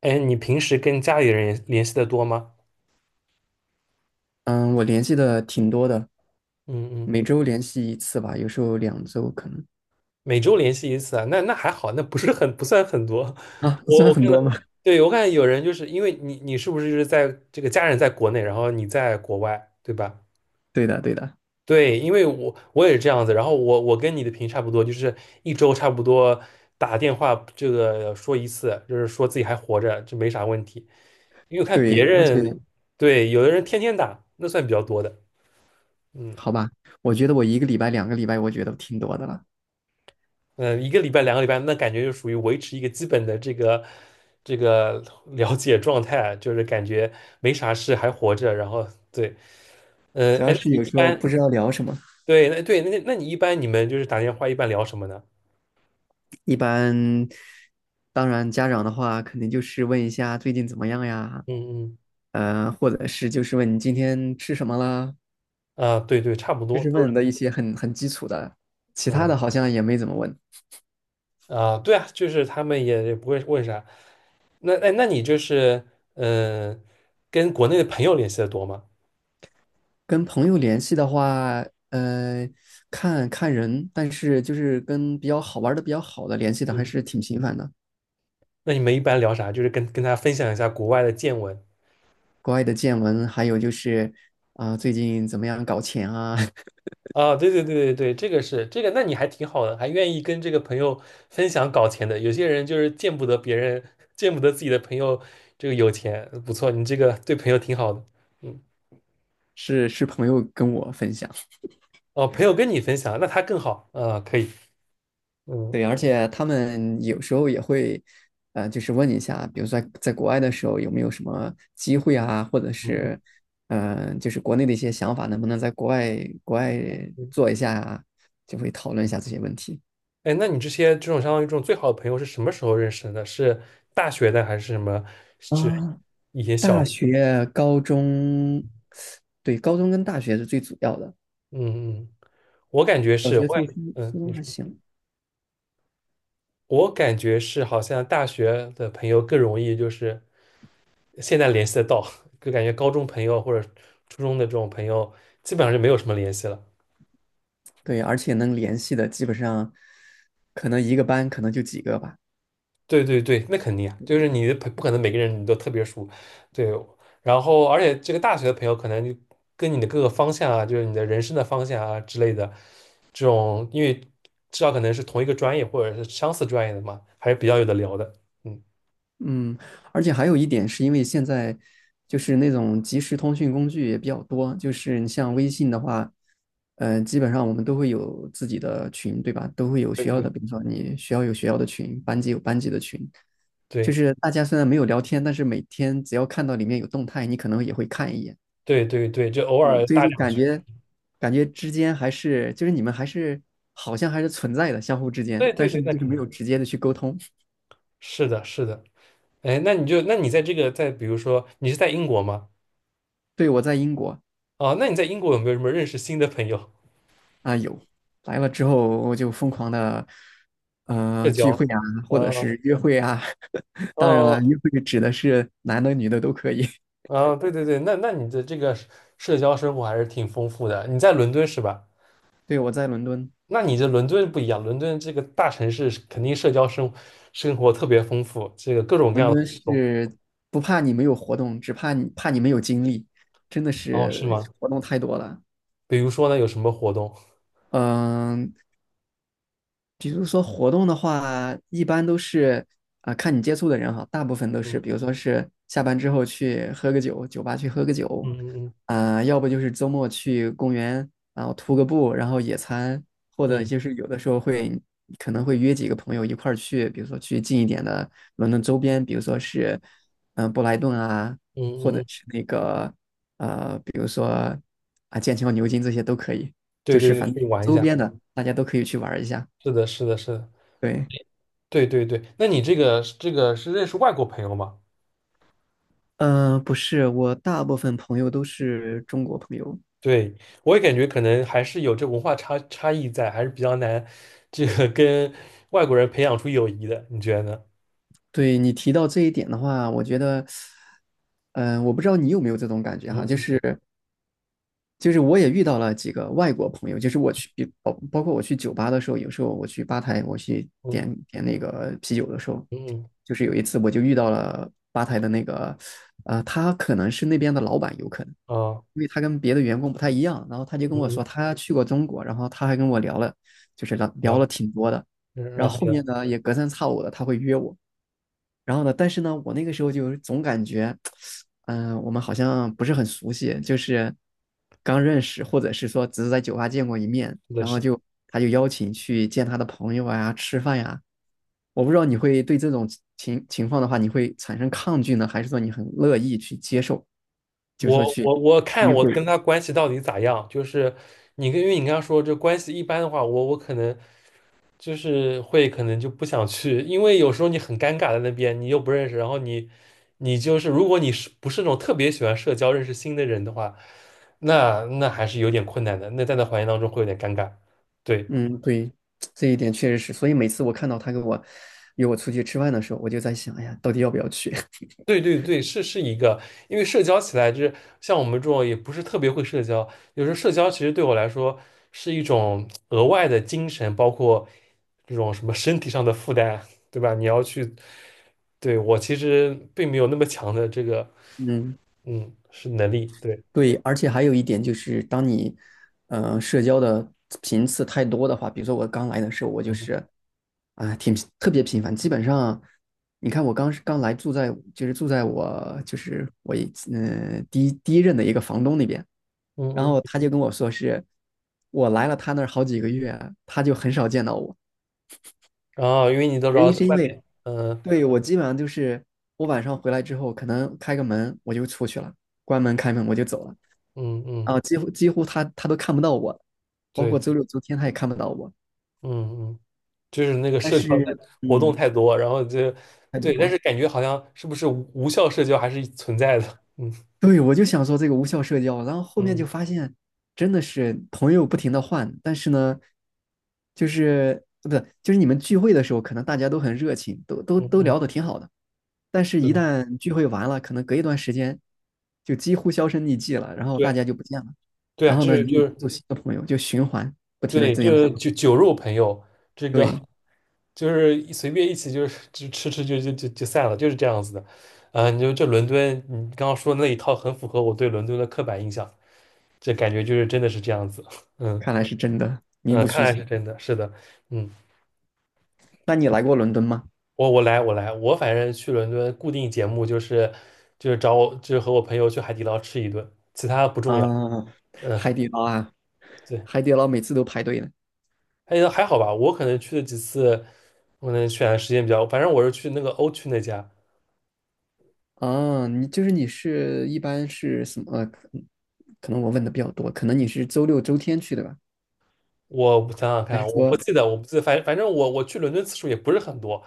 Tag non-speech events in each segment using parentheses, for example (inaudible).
哎，你平时跟家里人联系的多吗？嗯，我联系的挺多的，嗯嗯，每周联系一次吧，有时候两周可能。每周联系一次啊，那还好，那不是不算很多。啊，(laughs) 我算我很看多了，吗？对，我看有人就是因为你是不是就是在这个家人在国内，然后你在国外，对吧？对的，对的。对，因为我也是这样子，然后我跟你的差不多，就是一周差不多打电话这个说一次，就是说自己还活着，就没啥问题。因为我看对，别而且人，对，有的人天天打，那算比较多的。嗯，好吧，我觉得我一个礼拜、两个礼拜，我觉得挺多的了。嗯，一个礼拜、两个礼拜，那感觉就属于维持一个基本的这个了解状态啊，就是感觉没啥事还活着。然后对，嗯，主哎，那要是你有一时候不般知道聊什么。对，那对，那你一般你们就是打电话一般聊什么呢？一般，当然家长的话，肯定就是问一下最近怎么样呀，嗯或者是就是问你今天吃什么啦，嗯，啊，对对，差不就多是都问的一是，些很基础的，其他嗯的好像也没怎么问。啊，对啊，就是他们也不会问啥。那哎，那你就是嗯，跟国内的朋友联系的多吗？跟朋友联系的话，呃，看看人，但是就是跟比较好玩的、比较好的联系的还嗯，是挺频繁的。那你们一般聊啥？就是跟他分享一下国外的见闻。国外的见闻，还有就是啊、最近怎么样搞钱啊？(laughs) 啊，对对对对对，这个是这个，那你还挺好的，还愿意跟这个朋友分享搞钱的。有些人就是见不得别人，见不得自己的朋友这个有钱，不错，你这个对朋友挺好的。嗯，是是朋友跟我分享。哦，朋友跟你分享，那他更好啊，可以。嗯对，而且他们有时候也会，就是问一下，比如说在国外的时候有没有什么机会啊，或者嗯，是，嗯、就是国内的一些想法，能不能在国外国外嗯做一下啊，就会讨论一下这些问题。哎，那你这些这种相当于这种最好的朋友是什么时候认识的？是大学的还是什么？是啊，以前？大学、高中，对，高中跟大学是最主要的。嗯嗯，我感觉小是，我学、感初中、初嗯，中你还说，行。我感觉是好像大学的朋友更容易就是。现在联系得到，就感觉高中朋友或者初中的这种朋友，基本上就没有什么联系了。对，而且能联系的基本上，可能一个班可能就几个吧。对对对，那肯定啊，就是你的不可能每个人你都特别熟，对。然后，而且这个大学的朋友可能就跟你的各个方向啊，就是你的人生的方向啊之类的，这种因为至少可能是同一个专业或者是相似专业的嘛，还是比较有的聊的。嗯，嗯，而且还有一点是因为现在就是那种即时通讯工具也比较多，就是你像微信的话，嗯，基本上我们都会有自己的群，对吧？都会有学校的，对比如说你学校有学校的群，班级有班级的群，就对是大家虽然没有聊天，但是每天只要看到里面有动态，你可能也会看一眼。对对对对，就偶对，尔所以搭就两感句。觉感觉之间还是就是你们还是好像还是存在的，相互之间，对对但对，是那就是肯没定有直接的去沟通。是的，是的。哎，那你在这个在比如说你是在英国吗？对，我在英国。啊，那你在英国有没有什么认识新的朋友来了之后，我就疯狂的社交？聚会啊，或者啊是约会啊。(laughs) 当然了，啊约会指的是男的女的都可以。啊！对对对，那你的这个社交生活还是挺丰富的。你在伦敦是吧？(laughs) 对，我在伦敦。那你这伦敦不一样，伦敦这个大城市是肯定社交生活特别丰富，这个各种各伦样的敦活动。是不怕你没有活动，只怕你没有精力，真的哦，是是吗？活动太多了。比如说呢，有什么活动？嗯、比如说活动的话，一般都是啊、看你接触的人哈，大部分都是，比如嗯说是下班之后去喝个酒，酒吧去喝个酒，嗯嗯啊、要不就是周末去公园，然后徒个步，然后野餐，或者嗯就是有的时候会可能会约几个朋友一块儿去，比如说去近一点的伦敦周边，比如说是嗯、布莱顿啊，嗯或嗯者嗯，是那个比如说啊剑桥、牛津这些都可以，就对对是对，反正去玩一周下。边的大家都可以去玩儿一下。是的，是的，是的。对，对对对，那你这个是认识外国朋友吗？不是，我大部分朋友都是中国朋友。对，我也感觉可能还是有这文化差异在，还是比较难，这个跟外国人培养出友谊的，你觉得呢？对你提到这一点的话，我觉得，嗯、我不知道你有没有这种感觉哈，就嗯是就是我也遇到了几个外国朋友，就是我去包括我去酒吧的时候，有时候我去吧台，我去嗯点那个啤酒的时候，嗯嗯就是有一次我就遇到了吧台的那个，他可能是那边的老板，有可能。嗯啊因为他跟别的员工不太一样，然后他就跟嗯我嗯，说他去过中国，然后他还跟我聊了，就是聊然聊后了挺多的，然后后面呢？呢也隔三差五的他会约我，然后呢，但是呢我那个时候就总感觉，嗯、我们好像不是很熟悉，就是刚认识，或者是说只是在酒吧见过一面，是的然后是的，就他就邀请去见他的朋友啊，吃饭呀、我不知道你会对这种情况的话，你会产生抗拒呢，还是说你很乐意去接受，就是我说去我我看我跟他关系到底咋样？就是你跟因为你刚刚说这关系一般的话，我可能。就是会可能就不想去，因为有时候你很尴尬在那边，你又不认识，然后你就是如果你是不是那种特别喜欢社交、认识新的人的话，那还是有点困难的，那在那环境当中会有点尴尬。对嗯。对，这一点确实是，所以每次我看到他跟我约我出去吃饭的时候，我就在想，哎呀，到底要不要去？对对对，是一个，因为社交起来就是像我们这种也不是特别会社交，有时候社交其实对我来说是一种额外的精神，包括这种什么身体上的负担啊，对吧？你要去，对，我其实并没有那么强的这个。(laughs) 嗯，嗯，是能力，对，对，而且还有一点就是，当你社交的频次太多的话，比如说我刚来的时候，我就嗯是啊、挺特别频繁，基本上你看我刚来住在就是住在我就是我一嗯、呃第一第一任的一个房东那边，嗯然后嗯，他就跟我说是我来了他那儿好几个月，他就很少见到我。然后因为你都知原道因在是因外为面，嗯对，我基本上就是我晚上回来之后，可能开个门我就出去了，关门开门我就走了，嗯嗯，啊，几乎他都看不到我，包对括对，周六周天他也看不到我。嗯嗯，就是那个但社交是，的活动嗯，太多，然后就太对，但是多。感觉好像是不是无效社交还是存在的，嗯对，我就想说这个无效社交，然后后面就嗯发现真的是朋友不停的换，但是呢，就是不是就是你们聚会的时候，可能大家都很热情，都都嗯都嗯，嗯聊得挺好的，但是是一的，旦聚会完了，可能隔一段时间就几乎销声匿迹了，然后大对家就不见了，对啊，然后这呢，是你就又接是触新的朋友，就循环不停的对，这就样。个酒肉朋友，这个对，就是随便一起就是就吃吃就散了，就是这样子的。啊、你就这伦敦，你刚刚说的那一套很符合我对伦敦的刻板印象，这感觉就是真的是这样子。(laughs) 嗯看来是真的嗯，名不看虚来传。是真的，是的。嗯，那你来过伦敦吗？我来，我反正去伦敦固定节目就是找我就是和我朋友去海底捞吃一顿，其他不重要。啊，嗯，海底捞啊，对，海底捞每次都排队呢。还好吧，我可能去了几次，我可能选的时间比较，反正我是去那个欧区那家。啊，你就是你是一般是什么？可能我问的比较多，可能你是周六周天去的吧？我想想还看，是我不说，记得，我不记得，反正我去伦敦次数也不是很多，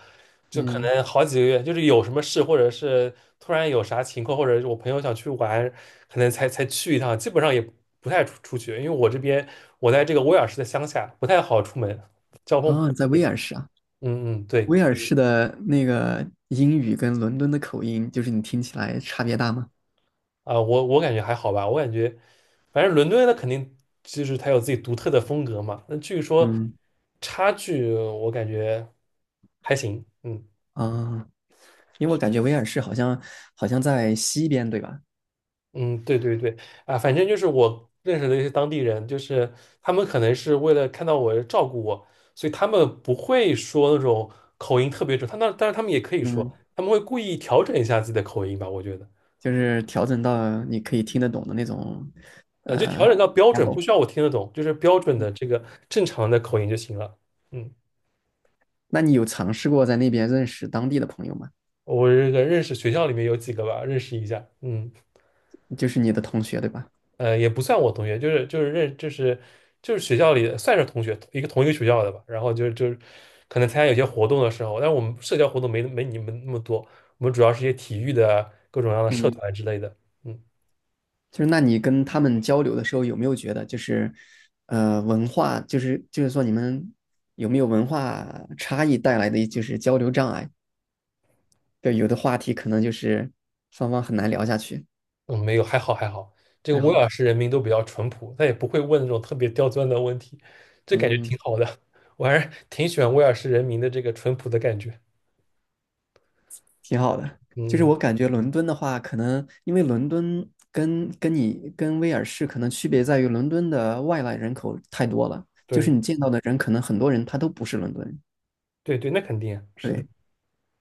就可嗯，能好几个月，就是有什么事，或者是突然有啥情况，或者是我朋友想去玩，可能才去一趟，基本上也不太出去，因为我这边我在这个威尔士的乡下，不太好出门，交通不啊，方在威便。尔士啊？嗯嗯，对威尔士的那个英语跟伦敦的口音，就是你听起来差别大吗？啊，我感觉还好吧，我感觉反正伦敦它肯定就是它有自己独特的风格嘛，那据说嗯，差距我感觉还行，嗯。啊，因为我感觉威尔士好像好像在西边，对吧？嗯，对对对，啊，反正就是我认识的一些当地人，就是他们可能是为了看到我照顾我，所以他们不会说那种口音特别重，但是他们也可以嗯，说，他们会故意调整一下自己的口音吧，我觉得，就是调整到你可以听得懂的那种，就调呃 整到标准，l 不 e 需要我听得懂，就是标准的这个正常的口音就行了。嗯，那你有尝试过在那边认识当地的朋友吗？我这个认识学校里面有几个吧，认识一下。嗯。就是你的同学，对吧？也不算我同学，就是学校里的算是同学，同一个学校的吧。然后就是可能参加有些活动的时候，但是我们社交活动没你们那么多，我们主要是一些体育的各种各样的社嗯。团之类的。嗯就是那你跟他们交流的时候，有没有觉得就是，文化就是说你们有没有文化差异带来的就是交流障碍？对，有的话题可能就是双方很难聊下去。嗯，没有，还好还好。这个还威好，尔士人民都比较淳朴，他也不会问那种特别刁钻的问题，这感觉嗯，挺好的。我还是挺喜欢威尔士人民的这个淳朴的感觉。挺好的。就是嗯，我感觉伦敦的话，可能因为伦敦跟你跟威尔士可能区别在于，伦敦的外来人口太多了，就是对你见到的人可能很多人他都不是伦敦人。对对，那肯定啊是的。对。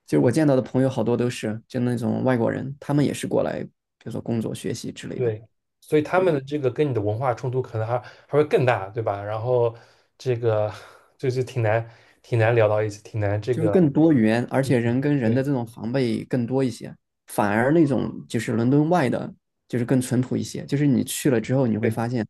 就是我嗯。见到的朋友好多都是就那种外国人，他们也是过来，比如说工作、学习之类的。对，所以他们对，的这个跟你的文化冲突可能还会更大，对吧？然后这个 (laughs) 就是挺难聊到一起，挺难这就是个，更多元，而且人跟人的对这种防备更多一些。反而那种就是伦敦外的，就是更淳朴一些。就是你去了之后，你会对，发现，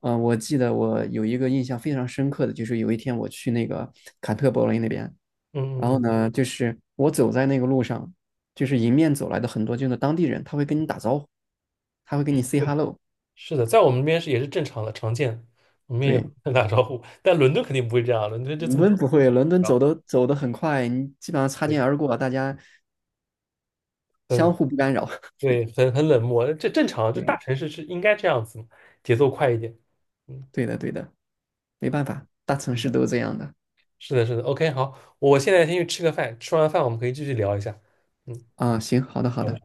我记得我有一个印象非常深刻的，就是有一天我去那个坎特伯雷那边，嗯然嗯后嗯，呢，就是我走在那个路上，就是迎面走来的很多就是当地人，他会跟你打招呼，他会跟你 say 对，hello。是的，在我们那边是也是正常的，常见，我们也对，会打招呼 (laughs)，但伦敦肯定不会这样，伦敦就伦这么，敦不会，伦敦然走后的走的很快，你基本上擦对，肩而过，大家相很互不干扰。(laughs) 对，很冷漠，这正常，这大对，城市是应该这样子，节奏快一点，嗯，对的，对的，没办法，大城嗯市都是这样的是的，是的，OK，好，我现在先去吃个饭，吃完饭我们可以继续聊一下，嗯。啊。行，好的，好的。